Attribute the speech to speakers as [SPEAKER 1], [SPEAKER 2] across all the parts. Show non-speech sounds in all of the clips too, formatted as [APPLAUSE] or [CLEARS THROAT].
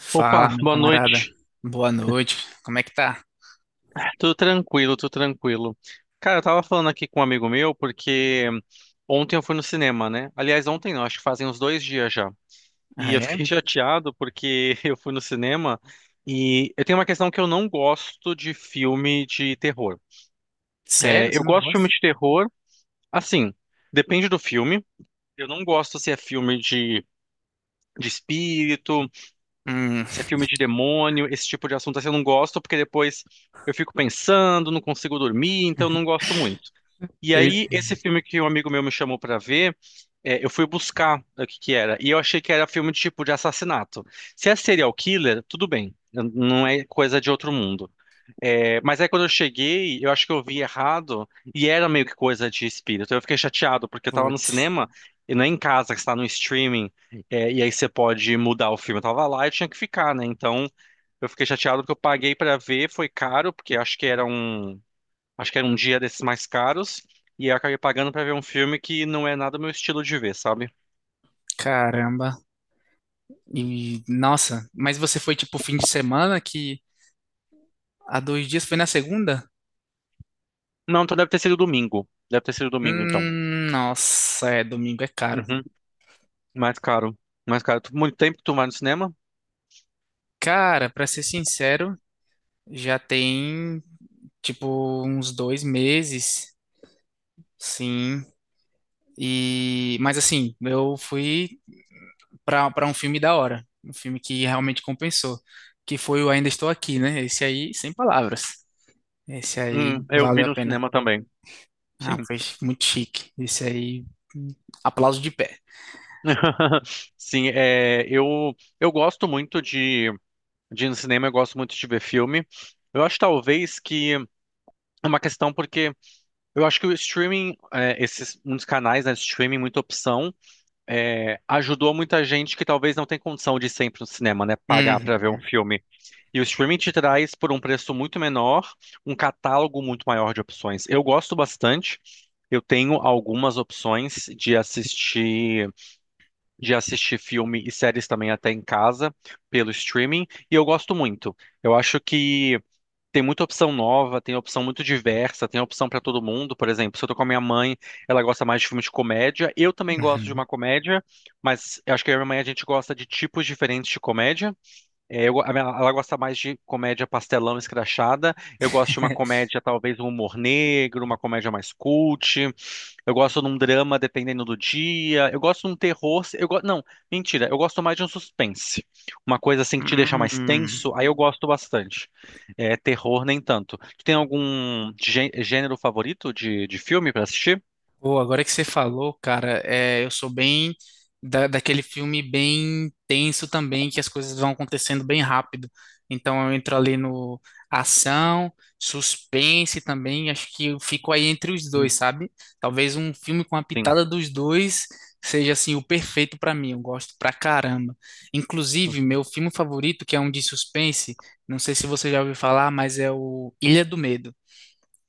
[SPEAKER 1] Fala,
[SPEAKER 2] Opa,
[SPEAKER 1] meu
[SPEAKER 2] boa
[SPEAKER 1] camarada.
[SPEAKER 2] noite.
[SPEAKER 1] Boa noite. Como é que tá?
[SPEAKER 2] Tudo tranquilo, tudo tranquilo. Cara, eu tava falando aqui com um amigo meu porque ontem eu fui no cinema, né? Aliás, ontem não, acho que fazem uns 2 dias já. E
[SPEAKER 1] Ah,
[SPEAKER 2] eu
[SPEAKER 1] é?
[SPEAKER 2] fiquei [LAUGHS] chateado porque eu fui no cinema e eu tenho uma questão que eu não gosto de filme de terror.
[SPEAKER 1] Sério?
[SPEAKER 2] É,
[SPEAKER 1] Você
[SPEAKER 2] eu
[SPEAKER 1] não
[SPEAKER 2] gosto de filme
[SPEAKER 1] gosta?
[SPEAKER 2] de terror, assim, depende do filme. Eu não gosto se é filme de espírito.
[SPEAKER 1] Hum.
[SPEAKER 2] Se é filme de demônio, esse tipo de assunto assim, eu não gosto, porque depois eu fico pensando, não consigo dormir, então eu não
[SPEAKER 1] [LAUGHS]
[SPEAKER 2] gosto muito. E
[SPEAKER 1] eu...
[SPEAKER 2] aí, esse filme que um amigo meu me chamou pra ver, eu fui buscar o que que era, e eu achei que era filme de tipo de assassinato. Se é serial killer, tudo bem, não é coisa de outro mundo. É, mas aí quando eu cheguei, eu acho que eu vi errado, e era meio que coisa de espírito. Eu fiquei chateado, porque eu tava no
[SPEAKER 1] Putz,
[SPEAKER 2] cinema, e não é em casa, que está no streaming, e aí você pode mudar o filme. Eu tava lá e tinha que ficar, né? Então, eu fiquei chateado porque eu paguei pra ver, foi caro, porque acho que era um dia desses mais caros, e eu acabei pagando pra ver um filme que não é nada o meu estilo de ver, sabe?
[SPEAKER 1] caramba. E, nossa, mas você foi tipo fim de semana que há dois dias foi na segunda?
[SPEAKER 2] Não, então deve ter sido domingo. Deve ter sido domingo, então.
[SPEAKER 1] Nossa, é, domingo é caro.
[SPEAKER 2] Uhum. Mais caro. Mais caro. Muito tempo que tu vai no cinema?
[SPEAKER 1] Cara, pra ser sincero, já tem tipo uns dois meses, sim. E, mas assim, eu fui para um filme da hora, um filme que realmente compensou, que foi o Ainda Estou Aqui, né? Esse aí, sem palavras. Esse aí
[SPEAKER 2] Eu
[SPEAKER 1] valeu
[SPEAKER 2] vi
[SPEAKER 1] a
[SPEAKER 2] no
[SPEAKER 1] pena.
[SPEAKER 2] cinema também. Sim.
[SPEAKER 1] Ah, foi muito chique. Esse aí, hum, aplauso de pé.
[SPEAKER 2] [LAUGHS] Sim, eu gosto muito de, ir no cinema, eu gosto muito de ver filme. Eu acho talvez que é uma questão porque eu acho que o streaming, esses muitos canais, né, de streaming, muita opção, ajudou muita gente que talvez não tem condição de ir sempre no cinema, né, pagar para ver um
[SPEAKER 1] Uhum,
[SPEAKER 2] filme. E o streaming te traz por um preço muito menor, um catálogo muito maior de opções. Eu gosto bastante. Eu tenho algumas opções de assistir filme e séries também até em casa pelo streaming, e eu gosto muito. Eu acho que tem muita opção nova, tem opção muito diversa, tem opção pra todo mundo. Por exemplo, se eu tô com a minha mãe, ela gosta mais de filmes de comédia. Eu também gosto de
[SPEAKER 1] uhum.
[SPEAKER 2] uma comédia, mas eu acho que eu e a minha mãe a gente gosta de tipos diferentes de comédia. É, eu go- a minha- ela gosta mais de comédia pastelão escrachada. Eu gosto de uma
[SPEAKER 1] [LAUGHS]
[SPEAKER 2] comédia, talvez um humor negro, uma comédia mais cult. Eu gosto de um drama dependendo do dia. Eu gosto de um terror. Não, mentira. Eu gosto mais de um suspense. Uma coisa assim que te deixa mais
[SPEAKER 1] Hum.
[SPEAKER 2] tenso, aí eu gosto bastante. É, terror nem tanto. Tu tem algum gênero favorito de filme pra assistir?
[SPEAKER 1] Pô, agora que você falou, cara, é, eu sou bem daquele filme bem tenso também, que as coisas vão acontecendo bem rápido. Então eu entro ali no ação, suspense também, acho que eu fico aí entre os dois,
[SPEAKER 2] Hum,
[SPEAKER 1] sabe? Talvez um filme com a
[SPEAKER 2] Sim.
[SPEAKER 1] pitada dos dois seja assim o perfeito pra mim, eu gosto pra caramba. Inclusive,
[SPEAKER 2] Uhum.
[SPEAKER 1] meu filme favorito, que é um de suspense, não sei se você já ouviu falar, mas é o Ilha do Medo.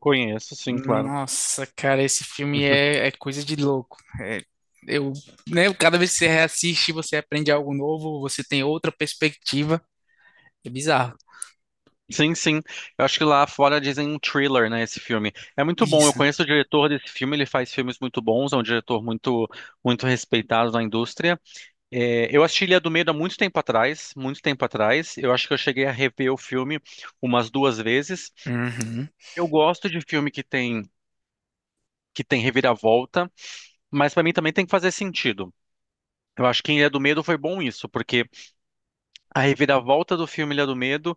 [SPEAKER 2] Conheço, sim, claro.
[SPEAKER 1] Nossa, cara, esse filme
[SPEAKER 2] [LAUGHS] Uhum.
[SPEAKER 1] é coisa de louco. É, eu, né, cada vez que você reassiste, você aprende algo novo, você tem outra perspectiva. É bizarro.
[SPEAKER 2] Sim, sim. Eu acho que lá fora dizem um thriller, né, esse filme. É muito bom. Eu
[SPEAKER 1] Isso.
[SPEAKER 2] conheço o diretor desse filme, ele faz filmes muito bons, é um diretor muito muito respeitado na indústria. É, eu assisti Ilha do Medo há muito tempo atrás, muito tempo atrás. Eu acho que eu cheguei a rever o filme umas duas vezes.
[SPEAKER 1] Uhum.
[SPEAKER 2] Eu gosto de filme que tem reviravolta, mas para mim também tem que fazer sentido. Eu acho que em Ilha do Medo foi bom isso, porque a reviravolta do filme Ilha do Medo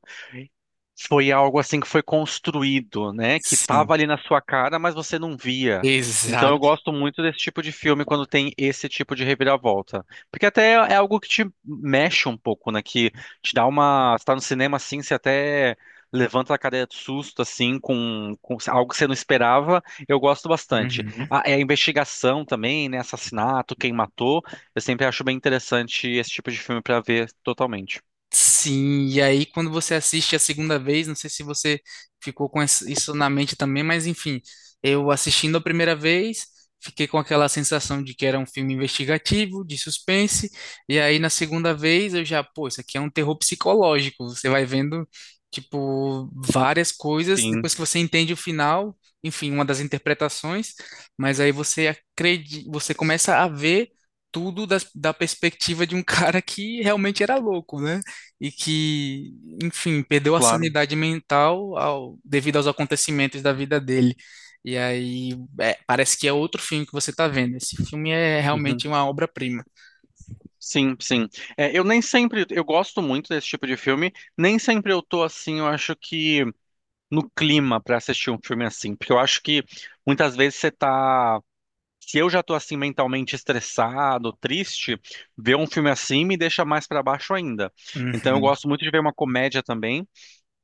[SPEAKER 2] foi algo assim que foi construído, né? Que tava
[SPEAKER 1] Sim.
[SPEAKER 2] ali na sua cara, mas você não via. Então eu
[SPEAKER 1] Exato.
[SPEAKER 2] gosto muito desse tipo de filme quando tem esse tipo de reviravolta. Porque até é algo que te mexe um pouco, né? Que te dá uma. Você tá no cinema assim, você até levanta a cadeira de susto, assim, com algo que você não esperava. Eu gosto bastante.
[SPEAKER 1] Uhum.
[SPEAKER 2] A, é a investigação também, né? Assassinato, quem matou. Eu sempre acho bem interessante esse tipo de filme para ver totalmente.
[SPEAKER 1] Sim, e aí quando você assiste a segunda vez, não sei se você ficou com isso na mente também, mas enfim, eu assistindo a primeira vez, fiquei com aquela sensação de que era um filme investigativo, de suspense, e aí na segunda vez eu já, pô, isso aqui é um terror psicológico, você vai vendo, tipo, várias coisas,
[SPEAKER 2] Sim,
[SPEAKER 1] depois que você entende o final, enfim, uma das interpretações, mas aí você acredita, você começa a ver tudo da perspectiva de um [LAUGHS] cara que realmente era louco, né? E que, enfim, perdeu a
[SPEAKER 2] claro.
[SPEAKER 1] sanidade mental devido aos acontecimentos da vida dele. E aí, é, parece que é outro filme que você está vendo. Esse filme é
[SPEAKER 2] Uhum.
[SPEAKER 1] realmente uma obra-prima.
[SPEAKER 2] Sim, sim. É, eu nem sempre, eu gosto muito desse tipo de filme, nem sempre eu tô assim, eu acho que no clima pra assistir um filme assim, porque eu acho que muitas vezes você tá, se eu já tô assim mentalmente estressado, triste, ver um filme assim me deixa mais pra baixo ainda. Então eu
[SPEAKER 1] Uhum.
[SPEAKER 2] gosto muito de ver uma comédia também.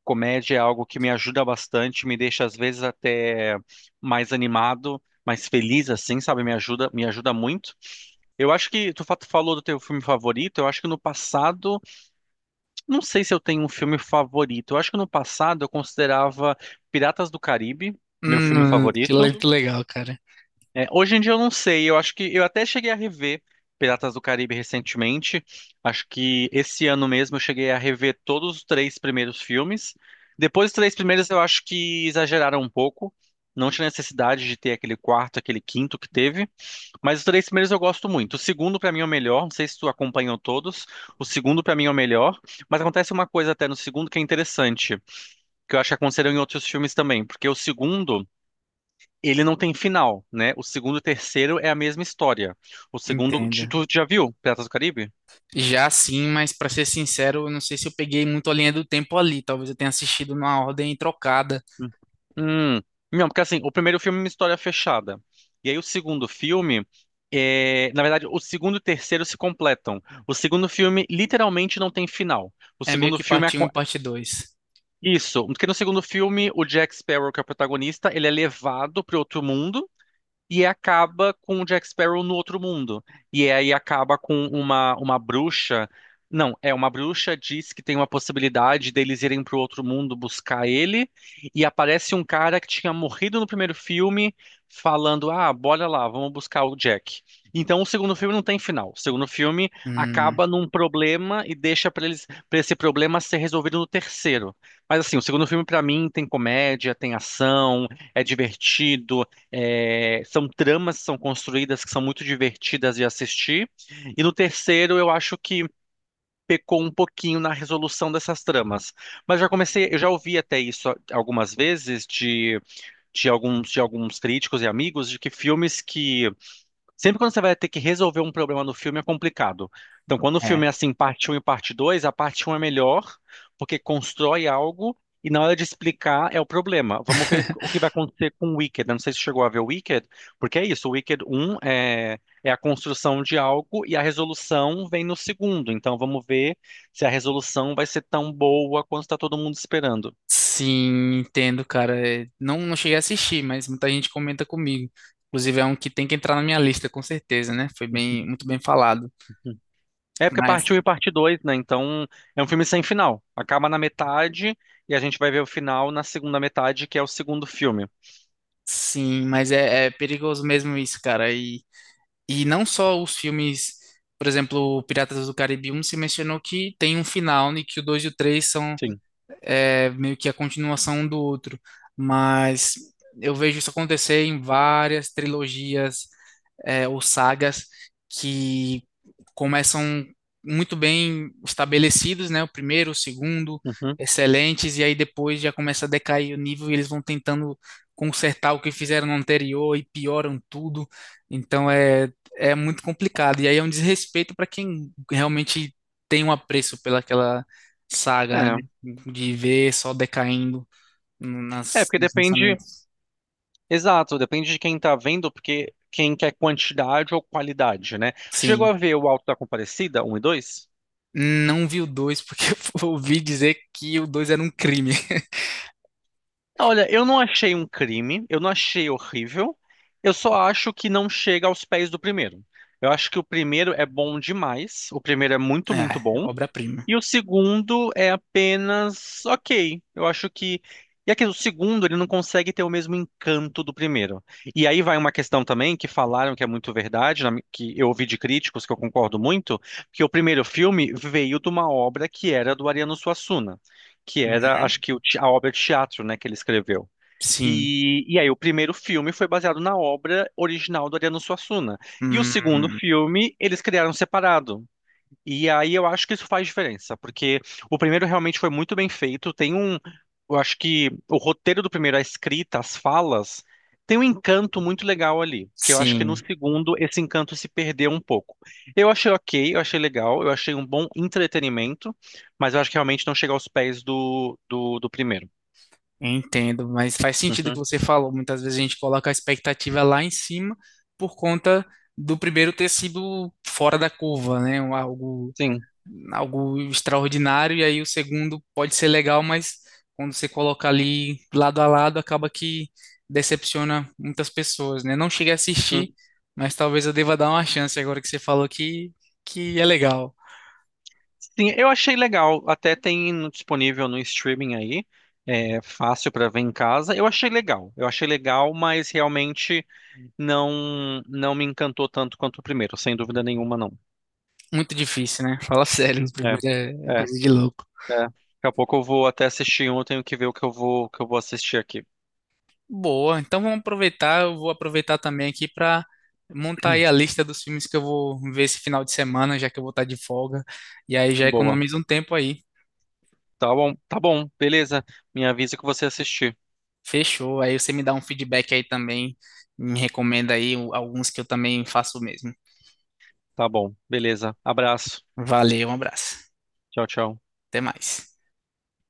[SPEAKER 2] Comédia é algo que me ajuda bastante, me deixa às vezes até mais animado, mais feliz assim, sabe? Me ajuda muito. Eu acho que tu falou do teu filme favorito. Eu acho que no passado, não sei se eu tenho um filme favorito. Eu acho que no passado eu considerava Piratas do Caribe meu filme favorito.
[SPEAKER 1] Que legal, cara.
[SPEAKER 2] É, hoje em dia eu não sei. Eu acho que eu até cheguei a rever Piratas do Caribe recentemente. Acho que esse ano mesmo eu cheguei a rever todos os três primeiros filmes. Depois dos três primeiros eu acho que exageraram um pouco. Não tinha necessidade de ter aquele quarto, aquele quinto que teve. Mas os três primeiros eu gosto muito. O segundo, pra mim, é o melhor. Não sei se tu acompanhou todos. O segundo, pra mim, é o melhor. Mas acontece uma coisa até no segundo que é interessante, que eu acho que aconteceu em outros filmes também. Porque o segundo, ele não tem final, né? O segundo e o terceiro é a mesma história. O segundo. Tu
[SPEAKER 1] Entenda.
[SPEAKER 2] tu já viu Piratas do Caribe?
[SPEAKER 1] Já sim, mas para ser sincero, eu não sei se eu peguei muito a linha do tempo ali. Talvez eu tenha assistido numa ordem trocada.
[SPEAKER 2] Hum. Hum. Não, porque assim, o primeiro filme é uma história fechada. E aí o segundo filme. Na verdade, o segundo e o terceiro se completam. O segundo filme literalmente não tem final. O
[SPEAKER 1] É meio
[SPEAKER 2] segundo
[SPEAKER 1] que
[SPEAKER 2] filme
[SPEAKER 1] parte um e parte dois.
[SPEAKER 2] Isso, porque no segundo filme, o Jack Sparrow, que é o protagonista, ele é levado para outro mundo. E acaba com o Jack Sparrow no outro mundo. E aí acaba com uma bruxa. Não, é uma bruxa diz que tem uma possibilidade deles irem para o outro mundo buscar ele. E aparece um cara que tinha morrido no primeiro filme, falando: Ah, bora lá, vamos buscar o Jack. Então o segundo filme não tem final. O segundo filme
[SPEAKER 1] Hum.
[SPEAKER 2] acaba num problema e deixa para eles, para esse problema ser resolvido no terceiro. Mas assim, o segundo filme para mim tem comédia, tem ação, é divertido. É, são tramas que são construídas que são muito divertidas de assistir. E no terceiro, eu acho que pecou um pouquinho na resolução dessas tramas. Mas já comecei, eu já ouvi até isso algumas vezes de alguns críticos e amigos de que filmes que sempre quando você vai ter que resolver um problema no filme é complicado. Então, quando o filme é assim, parte um e parte 2, a parte um é melhor, porque constrói algo e na hora de explicar é o problema. Vamos ver o
[SPEAKER 1] [LAUGHS]
[SPEAKER 2] que vai acontecer com o Wicked. Eu não sei se chegou a ver o Wicked, porque é isso, o Wicked um é a construção de algo e a resolução vem no segundo. Então, vamos ver se a resolução vai ser tão boa quanto está todo mundo esperando.
[SPEAKER 1] Sim, entendo, cara. É, não, não cheguei a assistir, mas muita gente comenta comigo. Inclusive, é um que tem que entrar na minha lista, com certeza, né? Foi bem, muito bem falado.
[SPEAKER 2] É porque é
[SPEAKER 1] Mas,
[SPEAKER 2] parte 1 e parte 2, né? Então é um filme sem final. Acaba na metade e a gente vai ver o final na segunda metade, que é o segundo filme.
[SPEAKER 1] sim, mas é perigoso mesmo isso, cara. E não só os filmes, por exemplo, Piratas do Caribe um se mencionou que tem um final, né que o 2 e o 3 são
[SPEAKER 2] Sim.
[SPEAKER 1] é, meio que a continuação um do outro. Mas eu vejo isso acontecer em várias trilogias é, ou sagas que começam muito bem estabelecidos, né? O primeiro, o segundo,
[SPEAKER 2] Uhum.
[SPEAKER 1] excelentes, e aí depois já começa a decair o nível e eles vão tentando consertar o que fizeram no anterior e pioram tudo. Então é muito complicado. E aí é um desrespeito para quem realmente tem um apreço pelaquela saga,
[SPEAKER 2] É.
[SPEAKER 1] né? De ver só decaindo
[SPEAKER 2] É,
[SPEAKER 1] nas,
[SPEAKER 2] porque
[SPEAKER 1] nos
[SPEAKER 2] depende.
[SPEAKER 1] lançamentos.
[SPEAKER 2] Exato, depende de quem tá vendo, porque quem quer quantidade ou qualidade, né? Tu chegou a
[SPEAKER 1] Sim.
[SPEAKER 2] ver o Alto da Compadecida, um e 2?
[SPEAKER 1] Não vi o dois, porque [LAUGHS] eu ouvi dizer que o 2 era um crime. [LAUGHS]
[SPEAKER 2] Olha, eu não achei um crime, eu não achei horrível, eu só acho que não chega aos pés do primeiro. Eu acho que o primeiro é bom demais, o primeiro é muito,
[SPEAKER 1] É,
[SPEAKER 2] muito bom.
[SPEAKER 1] obra-prima.
[SPEAKER 2] E o segundo é apenas ok. Eu acho que. E aqui, o segundo, ele não consegue ter o mesmo encanto do primeiro. E aí vai uma questão também que falaram que é muito verdade, que eu ouvi de críticos, que eu concordo muito, que o primeiro filme veio de uma obra que era do Ariano Suassuna, que era,
[SPEAKER 1] Uhum.
[SPEAKER 2] acho que, a obra de teatro, né, que ele escreveu.
[SPEAKER 1] Sim.
[SPEAKER 2] E aí o primeiro filme foi baseado na obra original do Ariano Suassuna. E o segundo
[SPEAKER 1] Hum,
[SPEAKER 2] filme, eles criaram separado. E aí eu acho que isso faz diferença, porque o primeiro realmente foi muito bem feito. Tem um, eu acho que o roteiro do primeiro, a escrita, as falas, tem um encanto muito legal ali, que eu acho que no
[SPEAKER 1] sim,
[SPEAKER 2] segundo esse encanto se perdeu um pouco. Eu achei ok, eu achei legal, eu achei um bom entretenimento, mas eu acho que realmente não chega aos pés do primeiro.
[SPEAKER 1] entendo, mas faz sentido o que
[SPEAKER 2] Uhum,
[SPEAKER 1] você falou. Muitas vezes a gente coloca a expectativa lá em cima por conta do primeiro ter sido fora da curva, né? Um- Algo
[SPEAKER 2] sim.
[SPEAKER 1] algo extraordinário, e aí o segundo pode ser legal, mas quando você coloca ali lado a lado, acaba que decepciona muitas pessoas, né? Não cheguei a assistir, mas talvez eu deva dar uma chance agora que você falou que é legal.
[SPEAKER 2] Sim, eu achei legal. Até tem disponível no streaming aí. É fácil pra ver em casa. Eu achei legal. Eu achei legal, mas realmente não não me encantou tanto quanto o primeiro, sem dúvida nenhuma, não.
[SPEAKER 1] Muito difícil, né? Fala sério, o
[SPEAKER 2] É,
[SPEAKER 1] primeiro é
[SPEAKER 2] é, é.
[SPEAKER 1] coisa de louco.
[SPEAKER 2] Daqui a pouco eu vou até assistir um, eu tenho que ver o que eu vou assistir aqui.
[SPEAKER 1] Boa, então vamos aproveitar, eu vou aproveitar também aqui para montar aí a
[SPEAKER 2] [CLEARS THROAT]
[SPEAKER 1] lista dos filmes que eu vou ver esse final de semana, já que eu vou estar de folga, e aí já
[SPEAKER 2] Boa.
[SPEAKER 1] economiza um tempo aí.
[SPEAKER 2] Tá bom, beleza. Me avisa que você assistir.
[SPEAKER 1] Fechou. Aí você me dá um feedback aí também. Me recomenda aí alguns que eu também faço o mesmo.
[SPEAKER 2] Tá bom, beleza. Abraço.
[SPEAKER 1] Valeu, um abraço.
[SPEAKER 2] Tchau, tchau.
[SPEAKER 1] Até mais.